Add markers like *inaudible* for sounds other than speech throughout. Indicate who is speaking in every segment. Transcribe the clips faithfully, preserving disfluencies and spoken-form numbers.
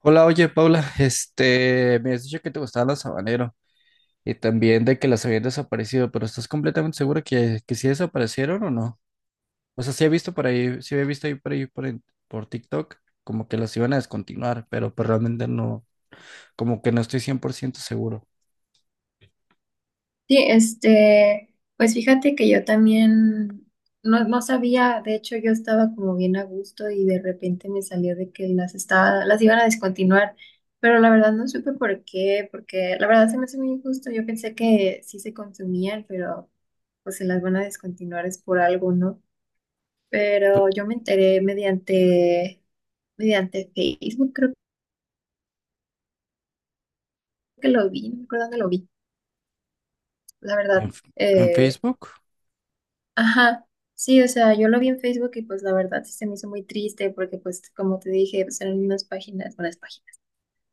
Speaker 1: Hola, oye Paula, este, me has dicho que te gustaban los habaneros y también de que las habían desaparecido, pero ¿estás completamente segura que, que sí desaparecieron o no? O sea, sí he visto por ahí, sí he visto ahí por ahí por, en- por TikTok como que las iban a descontinuar, pero pues realmente no, como que no estoy cien por ciento seguro.
Speaker 2: Sí, este, pues fíjate que yo también no, no sabía, de hecho yo estaba como bien a gusto y de repente me salió de que las estaba, las iban a descontinuar, pero la verdad no supe por qué, porque la verdad se me hace muy injusto, yo pensé que sí se consumían, pero pues se las van a descontinuar es por algo, ¿no?
Speaker 1: Pues,
Speaker 2: Pero yo me enteré mediante, mediante Facebook, creo que lo vi, no me acuerdo dónde lo vi, la verdad.
Speaker 1: ¿En, F- en
Speaker 2: eh,
Speaker 1: Facebook?
Speaker 2: Ajá, sí, o sea, yo lo vi en Facebook y pues la verdad sí se me hizo muy triste porque pues como te dije, pues eran unas páginas, unas páginas,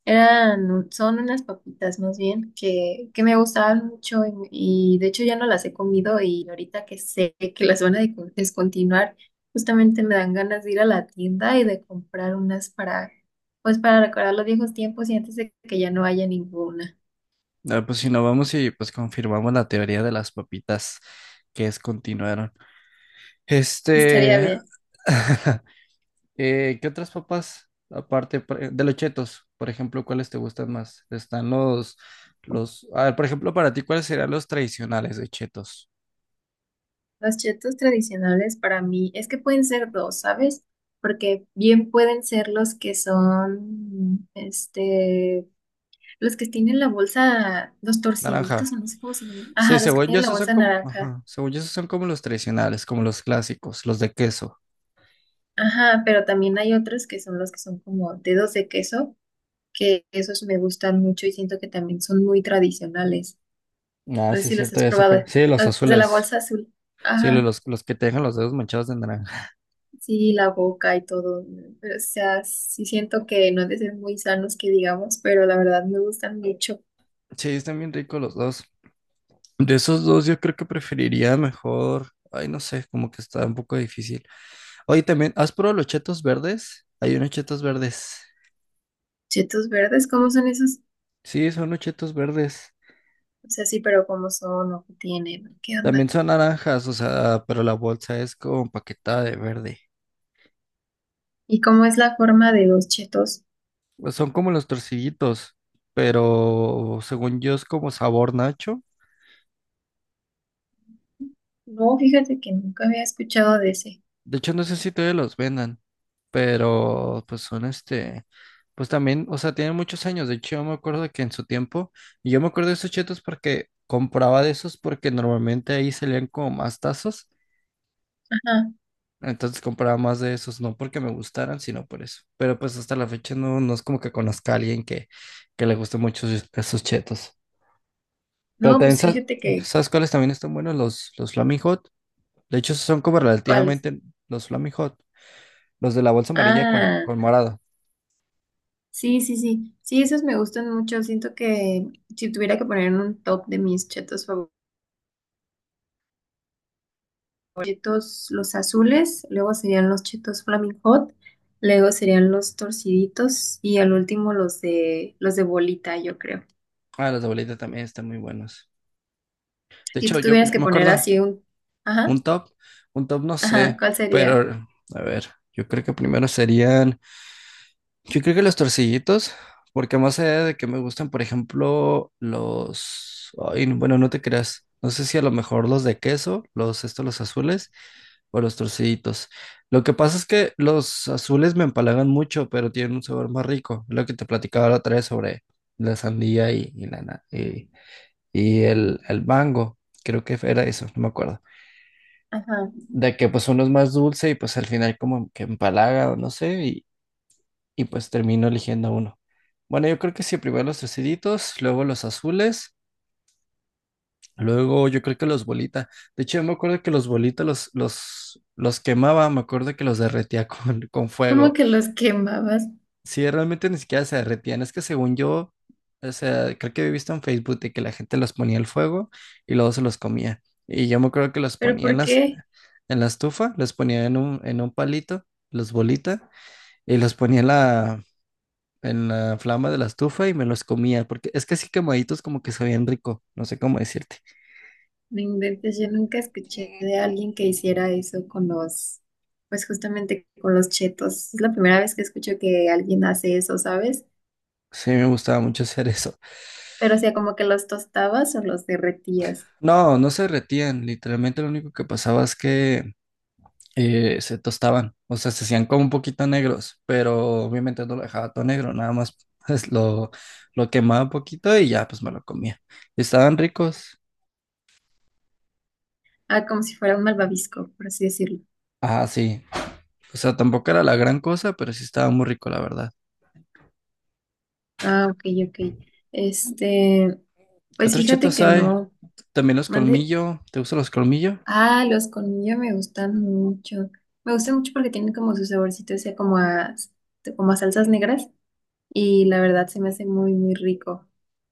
Speaker 2: eran, un- son unas papitas más bien que, que me gustaban mucho y, y de hecho ya no las he comido y ahorita que sé que las van a de- descontinuar, justamente me dan ganas de ir a la tienda y de comprar unas para, pues para recordar los viejos tiempos y antes de que ya no haya ninguna.
Speaker 1: Ah, pues si no vamos y pues confirmamos la teoría de las papitas que descontinuaron.
Speaker 2: *laughs* Estaría
Speaker 1: Este.
Speaker 2: bien.
Speaker 1: *laughs* Eh, ¿qué otras papas, aparte por- de los chetos, por ejemplo, cuáles te gustan más? Están los, los, a ver, por ejemplo, para ti, ¿cuáles serían los tradicionales de chetos?
Speaker 2: Los chetos tradicionales para mí es que pueden ser dos, ¿sabes? Porque bien pueden ser los que son, este, los que tienen la bolsa, los torciditos,
Speaker 1: Naranja.
Speaker 2: o no sé cómo se llaman.
Speaker 1: Sí,
Speaker 2: Ajá, los que
Speaker 1: según yo,
Speaker 2: tienen la
Speaker 1: esos son
Speaker 2: bolsa
Speaker 1: como,
Speaker 2: naranja.
Speaker 1: ajá, según yo, esos son como los tradicionales, como los clásicos, los de queso.
Speaker 2: Ajá, pero también hay otros que son los que son como dedos de queso, que esos me gustan mucho y siento que también son muy tradicionales.
Speaker 1: Ah,
Speaker 2: No sé
Speaker 1: sí, es
Speaker 2: si los
Speaker 1: cierto,
Speaker 2: has
Speaker 1: ya sé
Speaker 2: probado,
Speaker 1: cuál. Sí, los
Speaker 2: los de la
Speaker 1: azules.
Speaker 2: bolsa azul.
Speaker 1: Sí, los,
Speaker 2: Ajá.
Speaker 1: los los que te dejan los dedos manchados de naranja.
Speaker 2: Sí, la boca y todo, ¿no? Pero, o sea, sí siento que no han de ser muy sanos que digamos, pero la verdad me gustan mucho.
Speaker 1: Sí, están bien ricos los dos. De esos dos, yo creo que preferiría mejor. Ay, no sé, como que está un poco difícil. Oye, también, ¿has probado los chetos verdes? Hay unos chetos verdes.
Speaker 2: Chetos verdes, ¿cómo son esos?
Speaker 1: Sí, son los chetos verdes.
Speaker 2: O sea, sí, pero ¿cómo son o qué tienen? ¿Qué onda?
Speaker 1: También son naranjas, o sea, pero la bolsa es como empaquetada de verde.
Speaker 2: ¿Y cómo es la forma de los chetos?
Speaker 1: Pues son como los torcillitos, pero según yo es como sabor nacho.
Speaker 2: No, fíjate que nunca había escuchado de ese.
Speaker 1: De hecho, no sé si todavía los vendan, pero pues son este, pues también, o sea, tienen muchos años. De hecho, yo me acuerdo que en su tiempo, y yo me acuerdo de esos chetos porque compraba de esos porque normalmente ahí salían como más tazos.
Speaker 2: Ajá.
Speaker 1: Entonces compraba más de esos, no porque me gustaran, sino por eso. Pero pues hasta la fecha no, no es como que conozca a alguien que, que le guste mucho esos esos chetos. Pero
Speaker 2: No,
Speaker 1: también,
Speaker 2: pues
Speaker 1: ¿sabes,
Speaker 2: fíjate que,
Speaker 1: ¿sabes cuáles también están buenos? Los, los Flaming Hot. De hecho, son como
Speaker 2: ¿cuáles?
Speaker 1: relativamente los Flaming Hot, los de la bolsa amarilla con,
Speaker 2: Ah,
Speaker 1: con morado.
Speaker 2: sí, sí, sí. Sí, esos me gustan mucho. Siento que si tuviera que poner en un top de mis chetos favoritos, chetos los azules, luego serían los chetos Flaming Hot, luego serían los torciditos y al último los de los de bolita, yo creo.
Speaker 1: Ah, los de bolita también están muy buenos. De
Speaker 2: Si
Speaker 1: hecho,
Speaker 2: tú
Speaker 1: yo,
Speaker 2: tuvieras
Speaker 1: yo
Speaker 2: que
Speaker 1: me
Speaker 2: poner
Speaker 1: acuerdo,
Speaker 2: así un,
Speaker 1: un
Speaker 2: ajá,
Speaker 1: top, un top no
Speaker 2: ajá,
Speaker 1: sé,
Speaker 2: ¿cuál sería?
Speaker 1: pero a ver, yo creo que primero serían, yo creo que los torcillitos, porque más allá de que me gustan, por ejemplo, los, ay, no, bueno, no te creas, no sé si a lo mejor los de queso, los estos, los azules, o los torcillitos. Lo que pasa es que los azules me empalagan mucho, pero tienen un sabor más rico, lo que te platicaba la otra vez sobre la sandía y, y la na- y, y el, el mango, creo que era eso, no me acuerdo,
Speaker 2: Ajá.
Speaker 1: de que pues uno es más dulce y pues al final como que empalaga o no sé, y, y pues termino eligiendo uno. Bueno, yo creo que sí, primero los triceditos, luego los azules, luego yo creo que los bolita. De hecho, yo me acuerdo que los bolitas los, los, los quemaba, me acuerdo que los derretía *laughs* con, con
Speaker 2: Como
Speaker 1: fuego.
Speaker 2: que los quemabas,
Speaker 1: Sí, realmente ni siquiera se derretían. Es que según yo, o sea, creo que he visto en Facebook de que la gente los ponía al fuego y luego se los comía. Y yo me acuerdo que los
Speaker 2: pero
Speaker 1: ponía en
Speaker 2: ¿por
Speaker 1: las,
Speaker 2: qué?
Speaker 1: en la estufa, los ponía en un, en un palito, los bolita, y los ponía en la, en la flama de la estufa y me los comía. Porque es que así quemaditos como que sabían rico, no sé cómo decirte.
Speaker 2: No inventes, yo nunca escuché de alguien que hiciera eso con los, pues justamente con los chetos. Es la primera vez que escucho que alguien hace eso, ¿sabes?
Speaker 1: Sí, me gustaba mucho hacer eso.
Speaker 2: Pero o sea, como que los tostabas o los derretías.
Speaker 1: No, no se derretían. Literalmente lo único que pasaba es que eh, se tostaban, o sea, se hacían como un poquito negros, pero obviamente no lo dejaba todo negro, nada más *laughs* pues, lo, lo quemaba un poquito y ya pues me lo comía. Estaban ricos.
Speaker 2: Ah, como si fuera un malvavisco, por así decirlo.
Speaker 1: Ah, sí. O sea, tampoco era la gran cosa, pero sí estaba muy rico, la verdad.
Speaker 2: Ah, ok, ok. Este,
Speaker 1: ¿Qué
Speaker 2: pues
Speaker 1: otros
Speaker 2: fíjate
Speaker 1: chetos
Speaker 2: que
Speaker 1: hay?
Speaker 2: no.
Speaker 1: También los
Speaker 2: Mande.
Speaker 1: colmillo. ¿Te gustan los colmillo?
Speaker 2: Ah, los colmillos me gustan mucho. Me gustan mucho porque tienen como su saborcito, o sea, como a, como a salsas negras. Y la verdad se me hace muy, muy rico.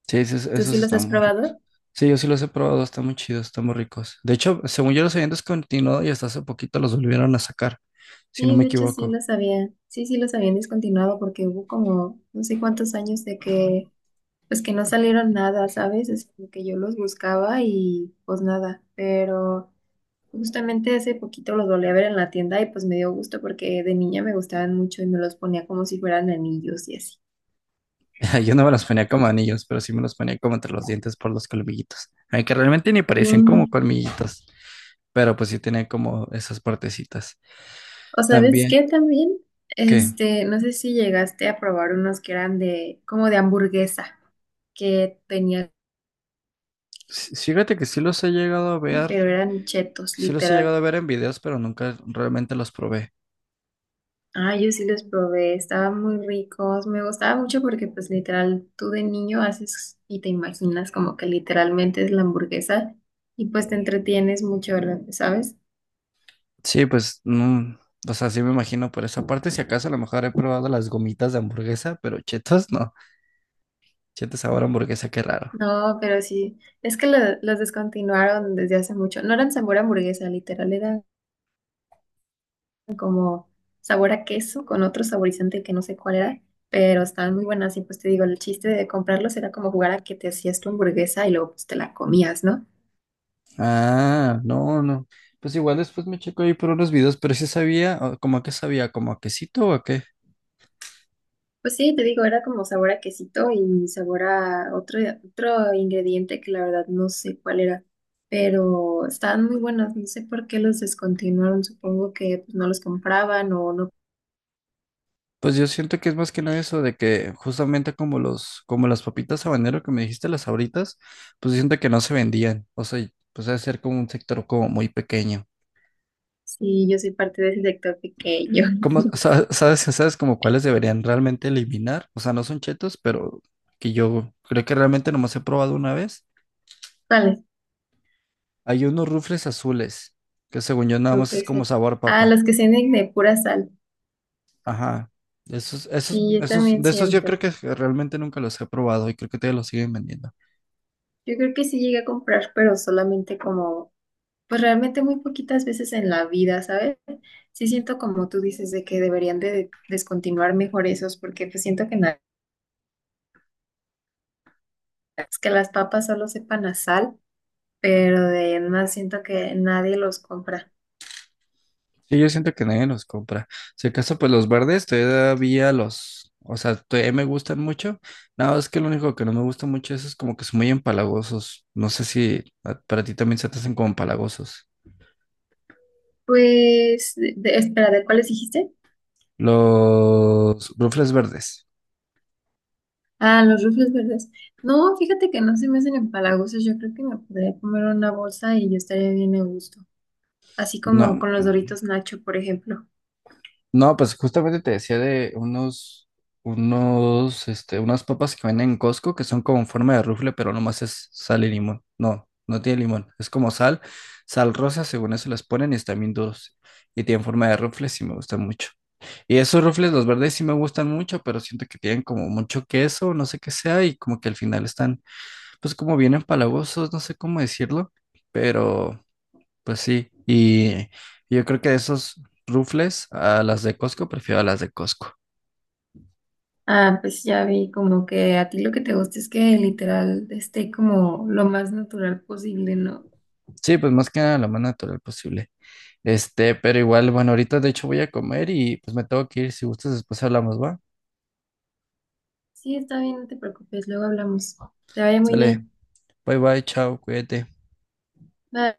Speaker 1: Sí, esos,
Speaker 2: ¿Tú sí
Speaker 1: esos
Speaker 2: los has
Speaker 1: están muy ricos.
Speaker 2: probado?
Speaker 1: Sí, yo sí los he probado, están muy chidos, están muy ricos. De hecho, según yo los habían descontinuado y hasta hace poquito los volvieron a sacar, si no
Speaker 2: Sí,
Speaker 1: me
Speaker 2: de hecho sí
Speaker 1: equivoco.
Speaker 2: los había. Sí, sí los habían descontinuado porque hubo como no sé cuántos años de que, pues que no salieron nada, ¿sabes? Es como que yo los buscaba y pues nada, pero. Justamente hace poquito los volví a ver en la tienda y pues me dio gusto porque de niña me gustaban mucho y me los ponía como si fueran anillos y así.
Speaker 1: *laughs* Yo no me los ponía como anillos, pero sí me los ponía como entre los dientes por los colmillitos. Aunque realmente ni
Speaker 2: Sí.
Speaker 1: parecían como colmillitos, pero pues sí tenían como esas partecitas.
Speaker 2: O sabes
Speaker 1: También
Speaker 2: qué también,
Speaker 1: que,
Speaker 2: este, no sé si llegaste a probar unos que eran de, como de hamburguesa, que tenían,
Speaker 1: sí- fíjate que sí los he llegado a ver,
Speaker 2: pero eran chetos,
Speaker 1: sí los he llegado
Speaker 2: literal.
Speaker 1: a ver en videos, pero nunca realmente los probé.
Speaker 2: Ah, yo sí los probé, estaban muy ricos, me gustaba mucho porque pues literal, tú de niño haces y te imaginas como que literalmente es la hamburguesa y pues te entretienes mucho, ¿sabes?
Speaker 1: Sí, pues no, o sea, sí me imagino por esa parte, si acaso a lo mejor he probado las gomitas de hamburguesa, pero chetos no, chetos sabor a hamburguesa, qué raro.
Speaker 2: No, pero sí, es que lo- los descontinuaron desde hace mucho. No eran sabor a hamburguesa, literal, eran como sabor a queso con otro saborizante que no sé cuál era, pero estaban muy buenas y pues te digo, el chiste de comprarlos era como jugar a que te hacías tu hamburguesa y luego pues te la comías, ¿no?
Speaker 1: Ah, no, no. Pues igual después me checo ahí por unos videos, pero sí sabía, o- como qué sabía, como a quesito o a qué.
Speaker 2: Pues sí, te digo, era como sabor a quesito y sabor a otro, otro ingrediente que la verdad no sé cuál era, pero estaban muy buenas, no sé por qué los descontinuaron, supongo que pues, no los compraban o no.
Speaker 1: Pues yo siento que es más que nada eso de que justamente como los, como las papitas habanero que me dijiste, las Sabritas, pues siento que no se vendían. O sea, pues debe ser como un sector como muy pequeño.
Speaker 2: Sí, yo soy parte de ese sector pequeño.
Speaker 1: ¿Cómo
Speaker 2: *laughs*
Speaker 1: sa- sabes, sabes como cuáles deberían realmente eliminar? O sea, no son chetos, pero que yo creo que realmente nomás he probado una vez.
Speaker 2: ¿Cuáles?
Speaker 1: Hay unos rufles azules, que según yo nada
Speaker 2: No
Speaker 1: más es
Speaker 2: puede
Speaker 1: como
Speaker 2: ser.
Speaker 1: sabor
Speaker 2: Ah,
Speaker 1: papa.
Speaker 2: los que venden de pura sal.
Speaker 1: Ajá. Esos, esos,
Speaker 2: Sí, yo
Speaker 1: esos,
Speaker 2: también
Speaker 1: de esos yo
Speaker 2: siento.
Speaker 1: creo que realmente nunca los he probado y creo que todavía los siguen vendiendo.
Speaker 2: Yo creo que sí llegué a comprar, pero solamente como, pues realmente muy poquitas veces en la vida, ¿sabes? Sí siento como tú dices de que deberían de descontinuar mejor esos, porque pues siento que na- es que las papas solo sepan a sal, pero de más siento que nadie los compra.
Speaker 1: Sí, yo siento que nadie los compra. Si acaso, pues los verdes todavía los, o sea, todavía me gustan mucho. Nada más que lo único que no me gusta mucho es, es como que son muy empalagosos. No sé si a- para ti también se te hacen como empalagosos.
Speaker 2: Pues, de- de- espera, ¿de cuáles dijiste?
Speaker 1: Los rufles verdes.
Speaker 2: Ah, los rufles verdes. No, fíjate que no se me hacen empalagosos. Yo creo que me podría comer una bolsa y yo estaría bien a gusto. Así como
Speaker 1: No.
Speaker 2: con los Doritos Nacho, por ejemplo.
Speaker 1: No, pues justamente te decía de unos, unos, este, unas papas que venden en Costco que son como en forma de rufle, pero nomás es sal y limón. No, no tiene limón. Es como sal, sal rosa, según eso las ponen y están bien duros. Y tienen forma de rufles sí me gustan mucho. Y esos rufles, los verdes sí me gustan mucho, pero siento que tienen como mucho queso, no sé qué sea, y como que al final están, pues como bien empalagosos, no sé cómo decirlo, pero... Pues sí, y yo creo que de esos rufles a las de Costco, prefiero a las de Costco.
Speaker 2: Ah, pues ya vi como que a ti lo que te gusta es que literal esté como lo más natural posible, ¿no?
Speaker 1: Sí, pues más que nada lo más natural posible. Este, pero igual, bueno, ahorita de hecho voy a comer y pues me tengo que ir. Si gustas, después hablamos, ¿va?
Speaker 2: Sí, está bien, no te preocupes. Luego hablamos. Te vaya muy
Speaker 1: Sale,
Speaker 2: bien.
Speaker 1: bye bye, chao, cuídate.
Speaker 2: Bye.